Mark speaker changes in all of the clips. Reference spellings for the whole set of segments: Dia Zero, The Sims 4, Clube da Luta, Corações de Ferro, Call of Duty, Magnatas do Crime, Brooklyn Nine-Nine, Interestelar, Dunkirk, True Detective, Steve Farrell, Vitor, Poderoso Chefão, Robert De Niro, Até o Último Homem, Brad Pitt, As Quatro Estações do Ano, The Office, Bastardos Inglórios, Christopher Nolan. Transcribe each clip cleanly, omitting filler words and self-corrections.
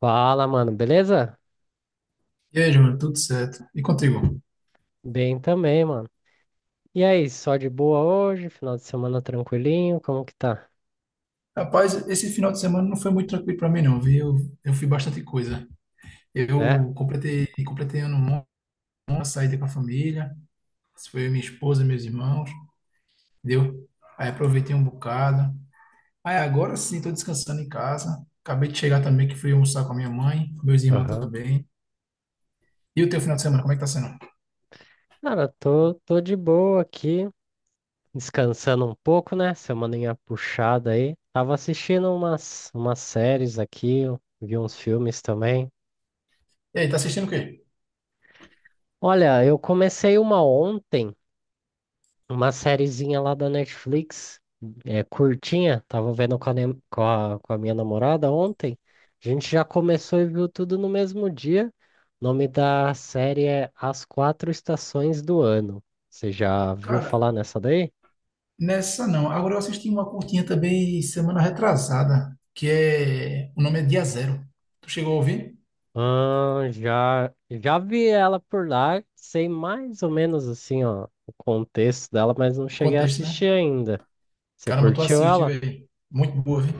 Speaker 1: Fala, mano, beleza?
Speaker 2: E aí, Júnior, tudo certo? E contigo?
Speaker 1: Bem também, mano. E aí, só de boa hoje? Final de semana tranquilinho? Como que tá?
Speaker 2: Rapaz, esse final de semana não foi muito tranquilo para mim, não, viu? Eu fiz bastante coisa.
Speaker 1: É?
Speaker 2: Eu completei ano bom, uma saída com a família. Isso foi eu, minha esposa, meus irmãos, entendeu? Aí aproveitei um bocado. Aí agora sim, tô descansando em casa. Acabei de chegar também, que fui almoçar com a minha mãe, meus irmãos
Speaker 1: Aham.
Speaker 2: também. E o teu final de semana, como é que tá sendo?
Speaker 1: Cara, tô de boa aqui, descansando um pouco, né? Semaninha puxada aí. Tava assistindo umas séries aqui, vi uns filmes também.
Speaker 2: E aí, tá assistindo o quê?
Speaker 1: Olha, eu comecei uma ontem. Uma sériezinha lá da Netflix, é, curtinha, tava vendo com a, nem- com a minha namorada ontem. A gente já começou e viu tudo no mesmo dia. O nome da série é As Quatro Estações do Ano. Você já viu
Speaker 2: Cara?
Speaker 1: falar nessa daí?
Speaker 2: Nessa não. Agora eu assisti uma curtinha também semana retrasada, que é. O nome é Dia Zero. Tu chegou a ouvir?
Speaker 1: Ah, já vi ela por lá, sei mais ou menos assim, ó, o contexto dela, mas não
Speaker 2: O
Speaker 1: cheguei a
Speaker 2: contexto, né?
Speaker 1: assistir ainda. Você
Speaker 2: Caramba, tu
Speaker 1: curtiu
Speaker 2: assiste,
Speaker 1: ela?
Speaker 2: velho. Muito boa, viu?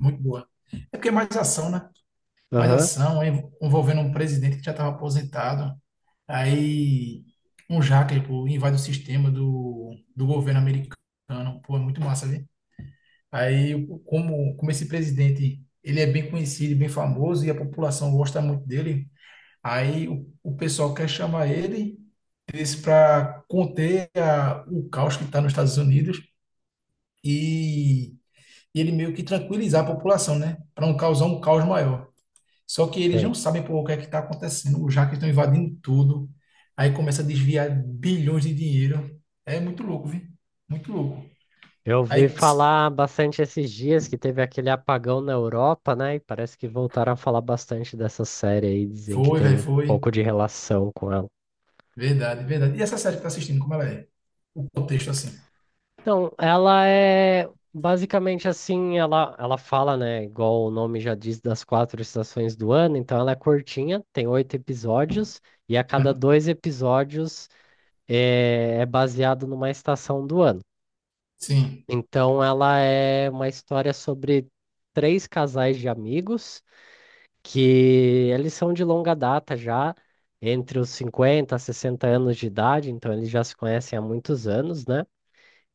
Speaker 2: Muito boa. É porque é mais ação, né? Mais
Speaker 1: Aham.
Speaker 2: ação, é envolvendo um presidente que já estava aposentado. Aí um hacker, pô, invade o sistema do governo americano. Pô, é muito massa, viu? Aí, como esse presidente, ele é bem conhecido, e bem famoso, e a população gosta muito dele. Aí o pessoal quer chamar ele, disse para conter a- o caos que está nos Estados Unidos e, ele meio que tranquilizar a população, né? Para não causar um caos maior. Só que eles
Speaker 1: Sei.
Speaker 2: não sabem por o que é que está acontecendo, já que estão invadindo tudo. Aí começa a desviar bilhões de dinheiro. É muito louco, viu? Muito louco.
Speaker 1: Eu ouvi
Speaker 2: Aí
Speaker 1: falar bastante esses dias que teve aquele apagão na Europa, né? E parece que voltaram a falar bastante dessa série aí, dizem que
Speaker 2: foi,
Speaker 1: tem
Speaker 2: velho,
Speaker 1: um pouco
Speaker 2: foi.
Speaker 1: de relação com ela.
Speaker 2: Verdade, verdade. E essa série que tá assistindo, como ela é? O contexto assim.
Speaker 1: Então, ela é basicamente assim, ela fala, né? Igual o nome já diz, das quatro estações do ano, então ela é curtinha, tem oito episódios, e a cada
Speaker 2: Uhum.
Speaker 1: dois episódios é baseado numa estação do ano.
Speaker 2: Sim.
Speaker 1: Então, ela é uma história sobre três casais de amigos que eles são de longa data já, entre os 50 a 60 anos de idade, então eles já se conhecem há muitos anos, né?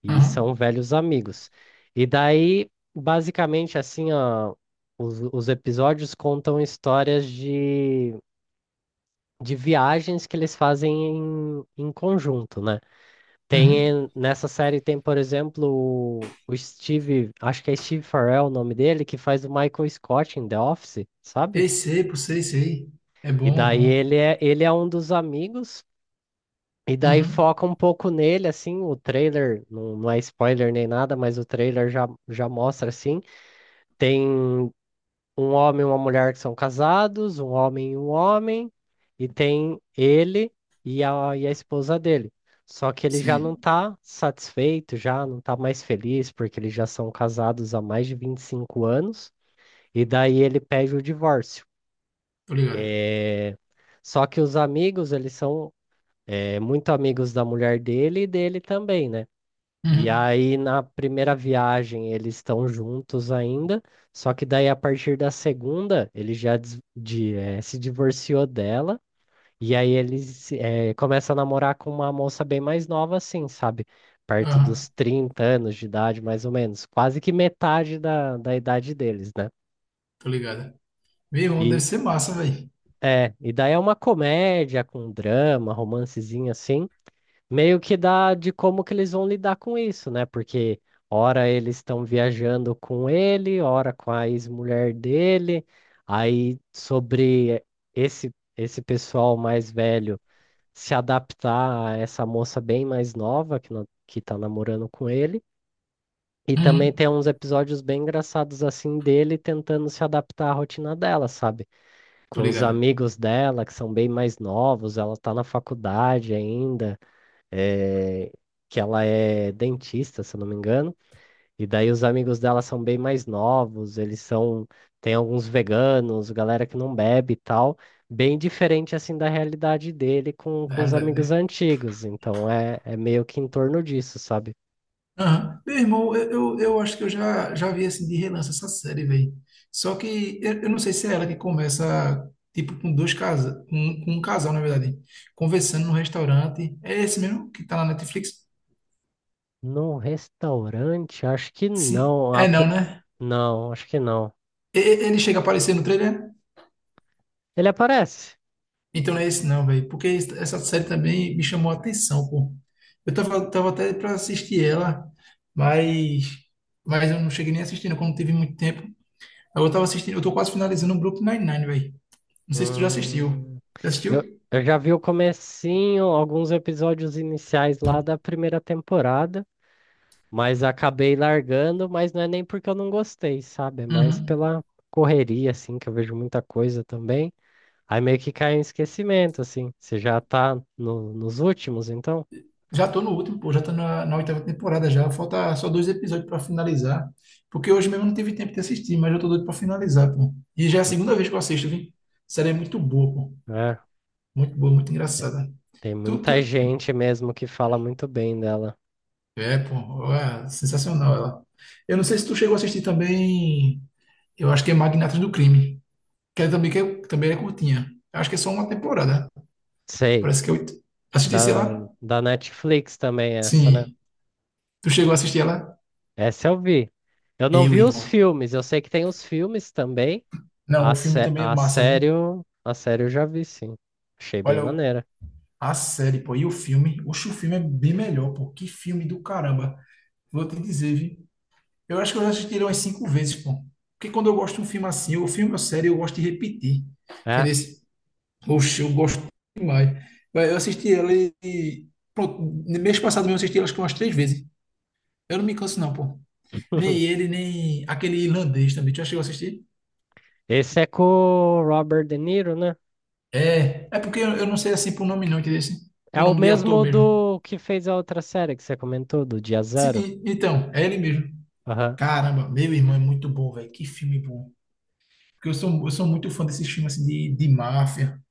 Speaker 1: E
Speaker 2: Uhum.
Speaker 1: são velhos amigos. E daí, basicamente, assim, ó, os episódios contam histórias de viagens que eles fazem em conjunto, né?
Speaker 2: Uhum.
Speaker 1: Nessa série tem, por exemplo, o Steve, acho que é Steve Farrell o nome dele, que faz o Michael Scott em The Office, sabe?
Speaker 2: Ei, sei, pô, sei, sei. É
Speaker 1: E
Speaker 2: bom, é
Speaker 1: daí
Speaker 2: bom.
Speaker 1: ele é um dos amigos, e daí
Speaker 2: Uhum.
Speaker 1: foca um pouco nele, assim, o trailer, não, não é spoiler nem nada, mas o trailer já mostra, assim, tem um homem e uma mulher que são casados, um homem, e tem ele e a esposa dele. Só que ele já não
Speaker 2: Sim,
Speaker 1: tá satisfeito, já não tá mais feliz, porque eles já são casados há mais de 25 anos, e daí ele pede o divórcio.
Speaker 2: tô ligado.
Speaker 1: É. Só que os amigos, eles são é muito amigos da mulher dele e dele também, né? E
Speaker 2: Uhum.
Speaker 1: aí, na primeira viagem, eles estão juntos ainda, só que daí, a partir da segunda, ele já se divorciou dela, e aí ele começa a namorar com uma moça bem mais nova, assim, sabe? Perto
Speaker 2: Aham,
Speaker 1: dos 30 anos de idade, mais ou menos, quase que metade da idade deles, né?
Speaker 2: tô ligado. Meu irmão, deve
Speaker 1: E,
Speaker 2: ser massa, velho.
Speaker 1: e daí é uma comédia com drama, romancezinho assim. Meio que dá de como que eles vão lidar com isso, né? Porque ora eles estão viajando com ele, ora com a ex-mulher dele, aí sobre esse pessoal mais velho se adaptar a essa moça bem mais nova que no- que tá namorando com ele. E também
Speaker 2: Uhum.
Speaker 1: tem uns episódios bem engraçados assim dele tentando se adaptar à rotina dela, sabe?
Speaker 2: Tô
Speaker 1: Com os
Speaker 2: ligado.
Speaker 1: amigos dela que são bem mais novos, ela tá na faculdade ainda eh, que ela é dentista, se eu não me engano, e daí os amigos dela são bem mais novos, eles são, tem alguns veganos, galera que não bebe e tal, bem diferente assim da realidade dele com,
Speaker 2: Na
Speaker 1: com os
Speaker 2: realidade,
Speaker 1: amigos
Speaker 2: né?
Speaker 1: antigos, então é meio que em torno disso, sabe?
Speaker 2: Aham. Meu irmão, eu acho que eu já vi, assim, de relance essa série, velho. Só que eu não sei se é ela que começa, tipo, com dois casas, com um casal, na verdade, conversando no restaurante. É esse mesmo que tá na Netflix?
Speaker 1: No restaurante, acho que
Speaker 2: Sim.
Speaker 1: não,
Speaker 2: É não, né?
Speaker 1: não, acho que não.
Speaker 2: E- ele chega a aparecer no trailer?
Speaker 1: Ele aparece.
Speaker 2: Então não é esse não, velho. Porque es- essa série também me chamou a atenção, pô. Eu tava até pra assistir ela, mas, mas eu não cheguei nem assistindo, como teve muito tempo. Aí eu tava assistindo, eu tô quase finalizando o Brooklyn Nine-Nine, velho. Não sei se tu já assistiu.
Speaker 1: Hum,
Speaker 2: Já
Speaker 1: eu,
Speaker 2: assistiu?
Speaker 1: eu já vi o comecinho, alguns episódios iniciais lá da primeira temporada. Mas acabei largando, mas não é nem porque eu não gostei, sabe? É mais
Speaker 2: Uhum.
Speaker 1: pela correria, assim, que eu vejo muita coisa também. Aí meio que cai em esquecimento, assim. Você já tá nos últimos, então?
Speaker 2: Já tô no último, pô. Já tô na oitava temporada já. Falta só dois episódios pra finalizar. Porque hoje mesmo eu não tive tempo de assistir, mas eu tô doido pra finalizar, pô. E já é a segunda vez que eu assisto, viu? A série é muito boa, pô.
Speaker 1: É.
Speaker 2: Muito boa, muito
Speaker 1: te-
Speaker 2: engraçada.
Speaker 1: Tem
Speaker 2: Tu,
Speaker 1: muita
Speaker 2: tu,
Speaker 1: gente mesmo que fala muito bem dela.
Speaker 2: É, pô, é sensacional ela. Eu não sei se tu chegou a assistir também, eu acho que é Magnatas do Crime, que é- também é curtinha. Acho que é só uma temporada.
Speaker 1: Sei.
Speaker 2: Parece que é oito. Assistisse
Speaker 1: Da,
Speaker 2: ela?
Speaker 1: da Netflix também, essa, né?
Speaker 2: Sim. Tu chegou a assistir ela?
Speaker 1: Essa eu vi. Eu não
Speaker 2: Eu,
Speaker 1: vi os
Speaker 2: irmão.
Speaker 1: filmes, eu sei que tem os filmes também.
Speaker 2: Não,
Speaker 1: A,
Speaker 2: o filme
Speaker 1: sé
Speaker 2: também é
Speaker 1: a
Speaker 2: massa,
Speaker 1: série,
Speaker 2: viu?
Speaker 1: eu- a série eu já vi, sim. Achei bem
Speaker 2: Olha, o-
Speaker 1: maneira.
Speaker 2: a série, pô, e o filme? Oxe, o filme é bem melhor, pô. Que filme do caramba. Vou te dizer, viu? Eu acho que eu já assisti ele umas 5 vezes, pô. Porque quando eu gosto de um filme assim, ou filme ou série, eu gosto de repetir. Entendeu?
Speaker 1: É.
Speaker 2: Oxe, eu gosto demais. Vai, eu assisti ela e. Pronto, no mês passado mesmo eu assisti ela acho que umas 3 vezes. Eu não me canso, não, pô. Nem ele, nem aquele irlandês também. Tu já chegou a assistir?
Speaker 1: Esse é com o Robert De Niro, né?
Speaker 2: É, é porque eu não sei assim por nome, não, entendeu? Assim,
Speaker 1: É
Speaker 2: por
Speaker 1: o
Speaker 2: nome de ator
Speaker 1: mesmo
Speaker 2: mesmo.
Speaker 1: do que fez a outra série que você comentou, do Dia
Speaker 2: Sim,
Speaker 1: Zero.
Speaker 2: e- então, é ele mesmo.
Speaker 1: Aham,
Speaker 2: Caramba, meu irmão é muito bom, velho. Que filme bom. Porque eu sou muito fã desses filmes assim, de máfia.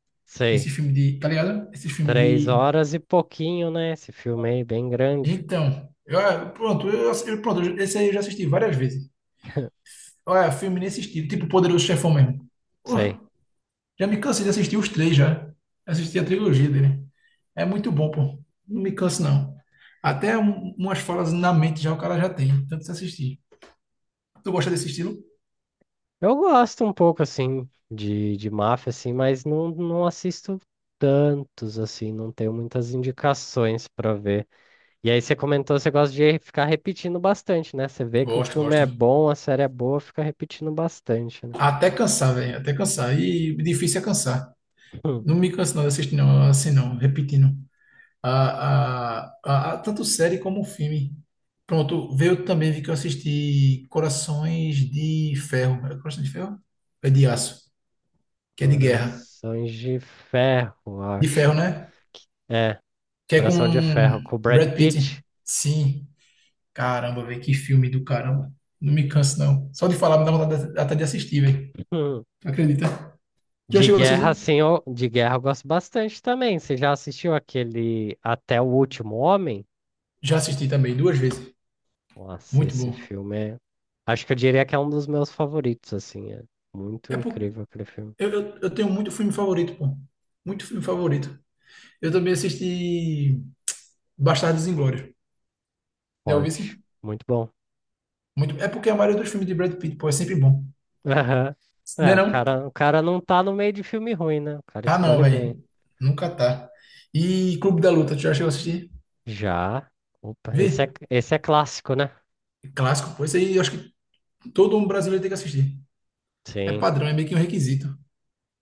Speaker 2: Esse
Speaker 1: sei.
Speaker 2: filme de. Tá ligado? Esse filme
Speaker 1: Três
Speaker 2: de.
Speaker 1: horas e pouquinho, né? Esse filme aí, bem grande.
Speaker 2: Então. Eu- pronto, Esse aí eu já assisti várias vezes. Olha, filme nesse estilo, tipo Poderoso Chefão mesmo.
Speaker 1: Sei.
Speaker 2: Uh, já me cansei de assistir os três já. Assisti a trilogia dele. É muito bom, pô. Não me canso, não. Até um- umas falas na mente já o cara já tem, tanto se assistir. Tu gosta desse estilo?
Speaker 1: Eu gosto um pouco, assim, de máfia, assim, mas não assisto tantos, assim, não tenho muitas indicações pra ver. E aí você comentou, você gosta de ficar repetindo bastante, né? Você vê que o
Speaker 2: Gosto,
Speaker 1: filme
Speaker 2: gosto.
Speaker 1: é bom, a série é boa, fica repetindo bastante, né?
Speaker 2: Até cansar, velho, até cansar. E difícil é cansar. Não me canso não de assistir, não, assim não, repetindo. Tanto série como filme. Pronto, veio também, vi que eu assisti Corações de Ferro. É Corações de Ferro? É de aço, que é de guerra.
Speaker 1: Corações de Ferro,
Speaker 2: De ferro,
Speaker 1: acho.
Speaker 2: né?
Speaker 1: É,
Speaker 2: Que é com
Speaker 1: Coração de Ferro com o Brad
Speaker 2: Brad Pitt.
Speaker 1: Pitt.
Speaker 2: Sim. Caramba, velho, que filme do caramba. Não me canso, não. Só de falar, me dá vontade até de assistir, velho.
Speaker 1: Hum.
Speaker 2: Tu acredita? Já
Speaker 1: De
Speaker 2: chegou a
Speaker 1: guerra,
Speaker 2: assistir?
Speaker 1: sim, de guerra eu gosto bastante também. Você já assistiu aquele Até o Último Homem?
Speaker 2: Já assisti também, 2 vezes.
Speaker 1: Nossa,
Speaker 2: Muito
Speaker 1: esse
Speaker 2: bom.
Speaker 1: filme é. Acho que eu diria que é um dos meus favoritos, assim. É muito
Speaker 2: É porque
Speaker 1: incrível aquele filme.
Speaker 2: eu tenho muito filme favorito, pô. Muito filme favorito. Eu também assisti Bastardos Inglórios. Já ouvi
Speaker 1: Forte.
Speaker 2: sim?
Speaker 1: Muito bom.
Speaker 2: Muito. É porque a maioria dos filmes de Brad Pitt, pô, é sempre bom.
Speaker 1: Aham.
Speaker 2: Não é
Speaker 1: É, o
Speaker 2: não?
Speaker 1: cara, o cara não tá no meio de filme ruim, né? O cara
Speaker 2: Ah, não,
Speaker 1: escolhe bem.
Speaker 2: velho. Nunca tá. E Clube da Luta, tu já chegou a assistir?
Speaker 1: Já. Opa,
Speaker 2: Vê?
Speaker 1: esse é clássico, né?
Speaker 2: Clássico, pô. Isso aí eu acho que todo um brasileiro tem que assistir. É
Speaker 1: Sim.
Speaker 2: padrão, é meio que um requisito.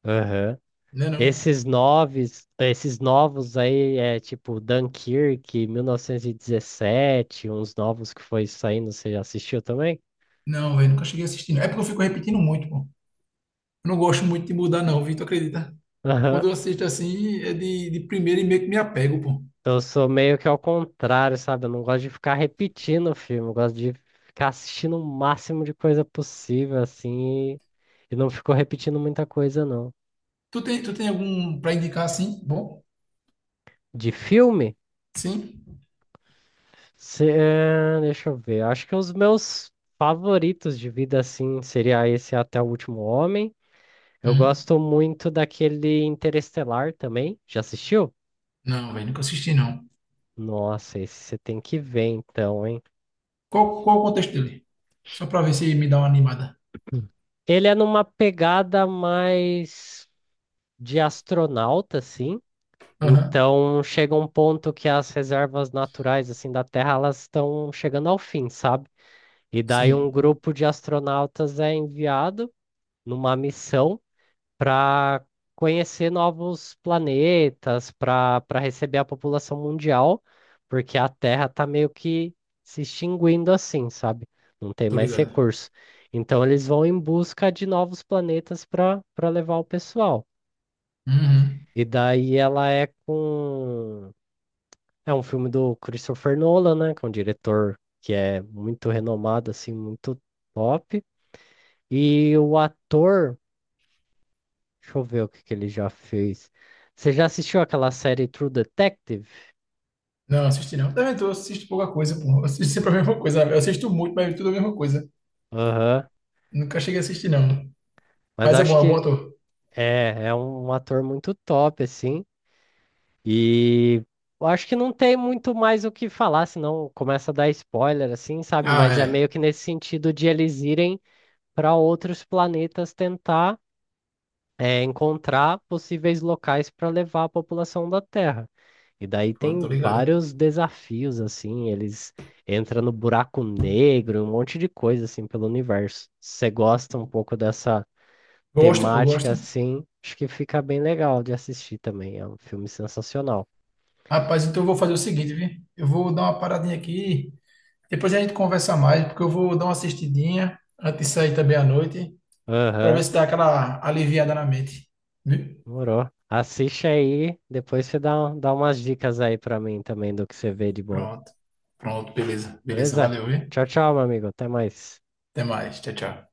Speaker 1: Aham.
Speaker 2: Não é não?
Speaker 1: Esses novos aí é tipo Dunkirk, 1917, uns novos que foi saindo, você já assistiu também?
Speaker 2: Não, velho, nunca cheguei a assistir. Não. É porque eu fico repetindo muito, pô. Eu não gosto muito de mudar, não, Vitor, acredita?
Speaker 1: Aham.
Speaker 2: Quando eu assisto assim, é de primeira e meio que me apego, pô.
Speaker 1: Eu sou meio que ao contrário, sabe? Eu não gosto de ficar repetindo o filme, eu gosto de ficar assistindo o máximo de coisa possível, assim, e não ficou repetindo muita coisa, não.
Speaker 2: Tu tem algum pra indicar assim? Bom?
Speaker 1: De filme?
Speaker 2: Sim?
Speaker 1: Deixa eu ver. Acho que os meus favoritos de vida, assim, seria esse Até o Último Homem. Eu
Speaker 2: Hum?
Speaker 1: gosto muito daquele Interestelar também. Já assistiu?
Speaker 2: Não, velho, nunca assisti, não.
Speaker 1: Nossa, esse você tem que ver então, hein?
Speaker 2: Qual o contexto dele? Só pra ver se me dá uma animada.
Speaker 1: Ele é numa pegada mais de astronauta, assim.
Speaker 2: Aham,
Speaker 1: Então chega um ponto que as reservas naturais assim da Terra elas estão chegando ao fim, sabe? E daí um
Speaker 2: sim,
Speaker 1: grupo de astronautas é enviado numa missão para conhecer novos planetas, para receber a população mundial, porque a Terra tá meio que se extinguindo assim, sabe? Não tem
Speaker 2: tô
Speaker 1: mais
Speaker 2: ligado.
Speaker 1: recurso. Então eles vão em busca de novos planetas para levar o pessoal.
Speaker 2: Uhum.
Speaker 1: E daí ela é com é um filme do Christopher Nolan, né, que é um diretor que é muito renomado assim, muito top. E o ator Deixa eu ver o que que ele já fez. Você já assistiu aquela série True Detective?
Speaker 2: Não, assisti não. Também tô, assisto pouca coisa, pô. Eu assisto sempre a mesma coisa. Eu assisto muito, mas tudo a mesma coisa.
Speaker 1: Aham.
Speaker 2: Nunca cheguei a assistir, não.
Speaker 1: Mas
Speaker 2: Mas
Speaker 1: acho
Speaker 2: é bom
Speaker 1: que
Speaker 2: ator.
Speaker 1: é um ator muito top, assim. E eu acho que não tem muito mais o que falar, senão começa a dar spoiler, assim, sabe?
Speaker 2: Ah,
Speaker 1: Mas é meio
Speaker 2: é.
Speaker 1: que nesse sentido de eles irem para outros planetas tentar encontrar possíveis locais para levar a população da Terra. E daí
Speaker 2: Pô,
Speaker 1: tem
Speaker 2: tô ligado.
Speaker 1: vários desafios, assim, eles entram no buraco negro, um monte de coisa, assim, pelo universo. Se você gosta um pouco dessa
Speaker 2: Gosto, pô,
Speaker 1: temática,
Speaker 2: gosto.
Speaker 1: assim, acho que fica bem legal de assistir também. É um filme sensacional.
Speaker 2: Rapaz, então eu vou fazer o seguinte, viu? Eu vou dar uma paradinha aqui. Depois a gente conversa mais, porque eu vou dar uma assistidinha antes de sair também à noite, pra ver
Speaker 1: Aham,
Speaker 2: se dá aquela aliviada na mente. Viu?
Speaker 1: morou. Assiste aí, depois você dá umas dicas aí pra mim também do que você vê de bom.
Speaker 2: Pronto. Pronto, beleza. Beleza,
Speaker 1: Beleza?
Speaker 2: valeu, viu?
Speaker 1: Tchau, tchau, meu amigo. Até mais.
Speaker 2: Até mais. Tchau, tchau.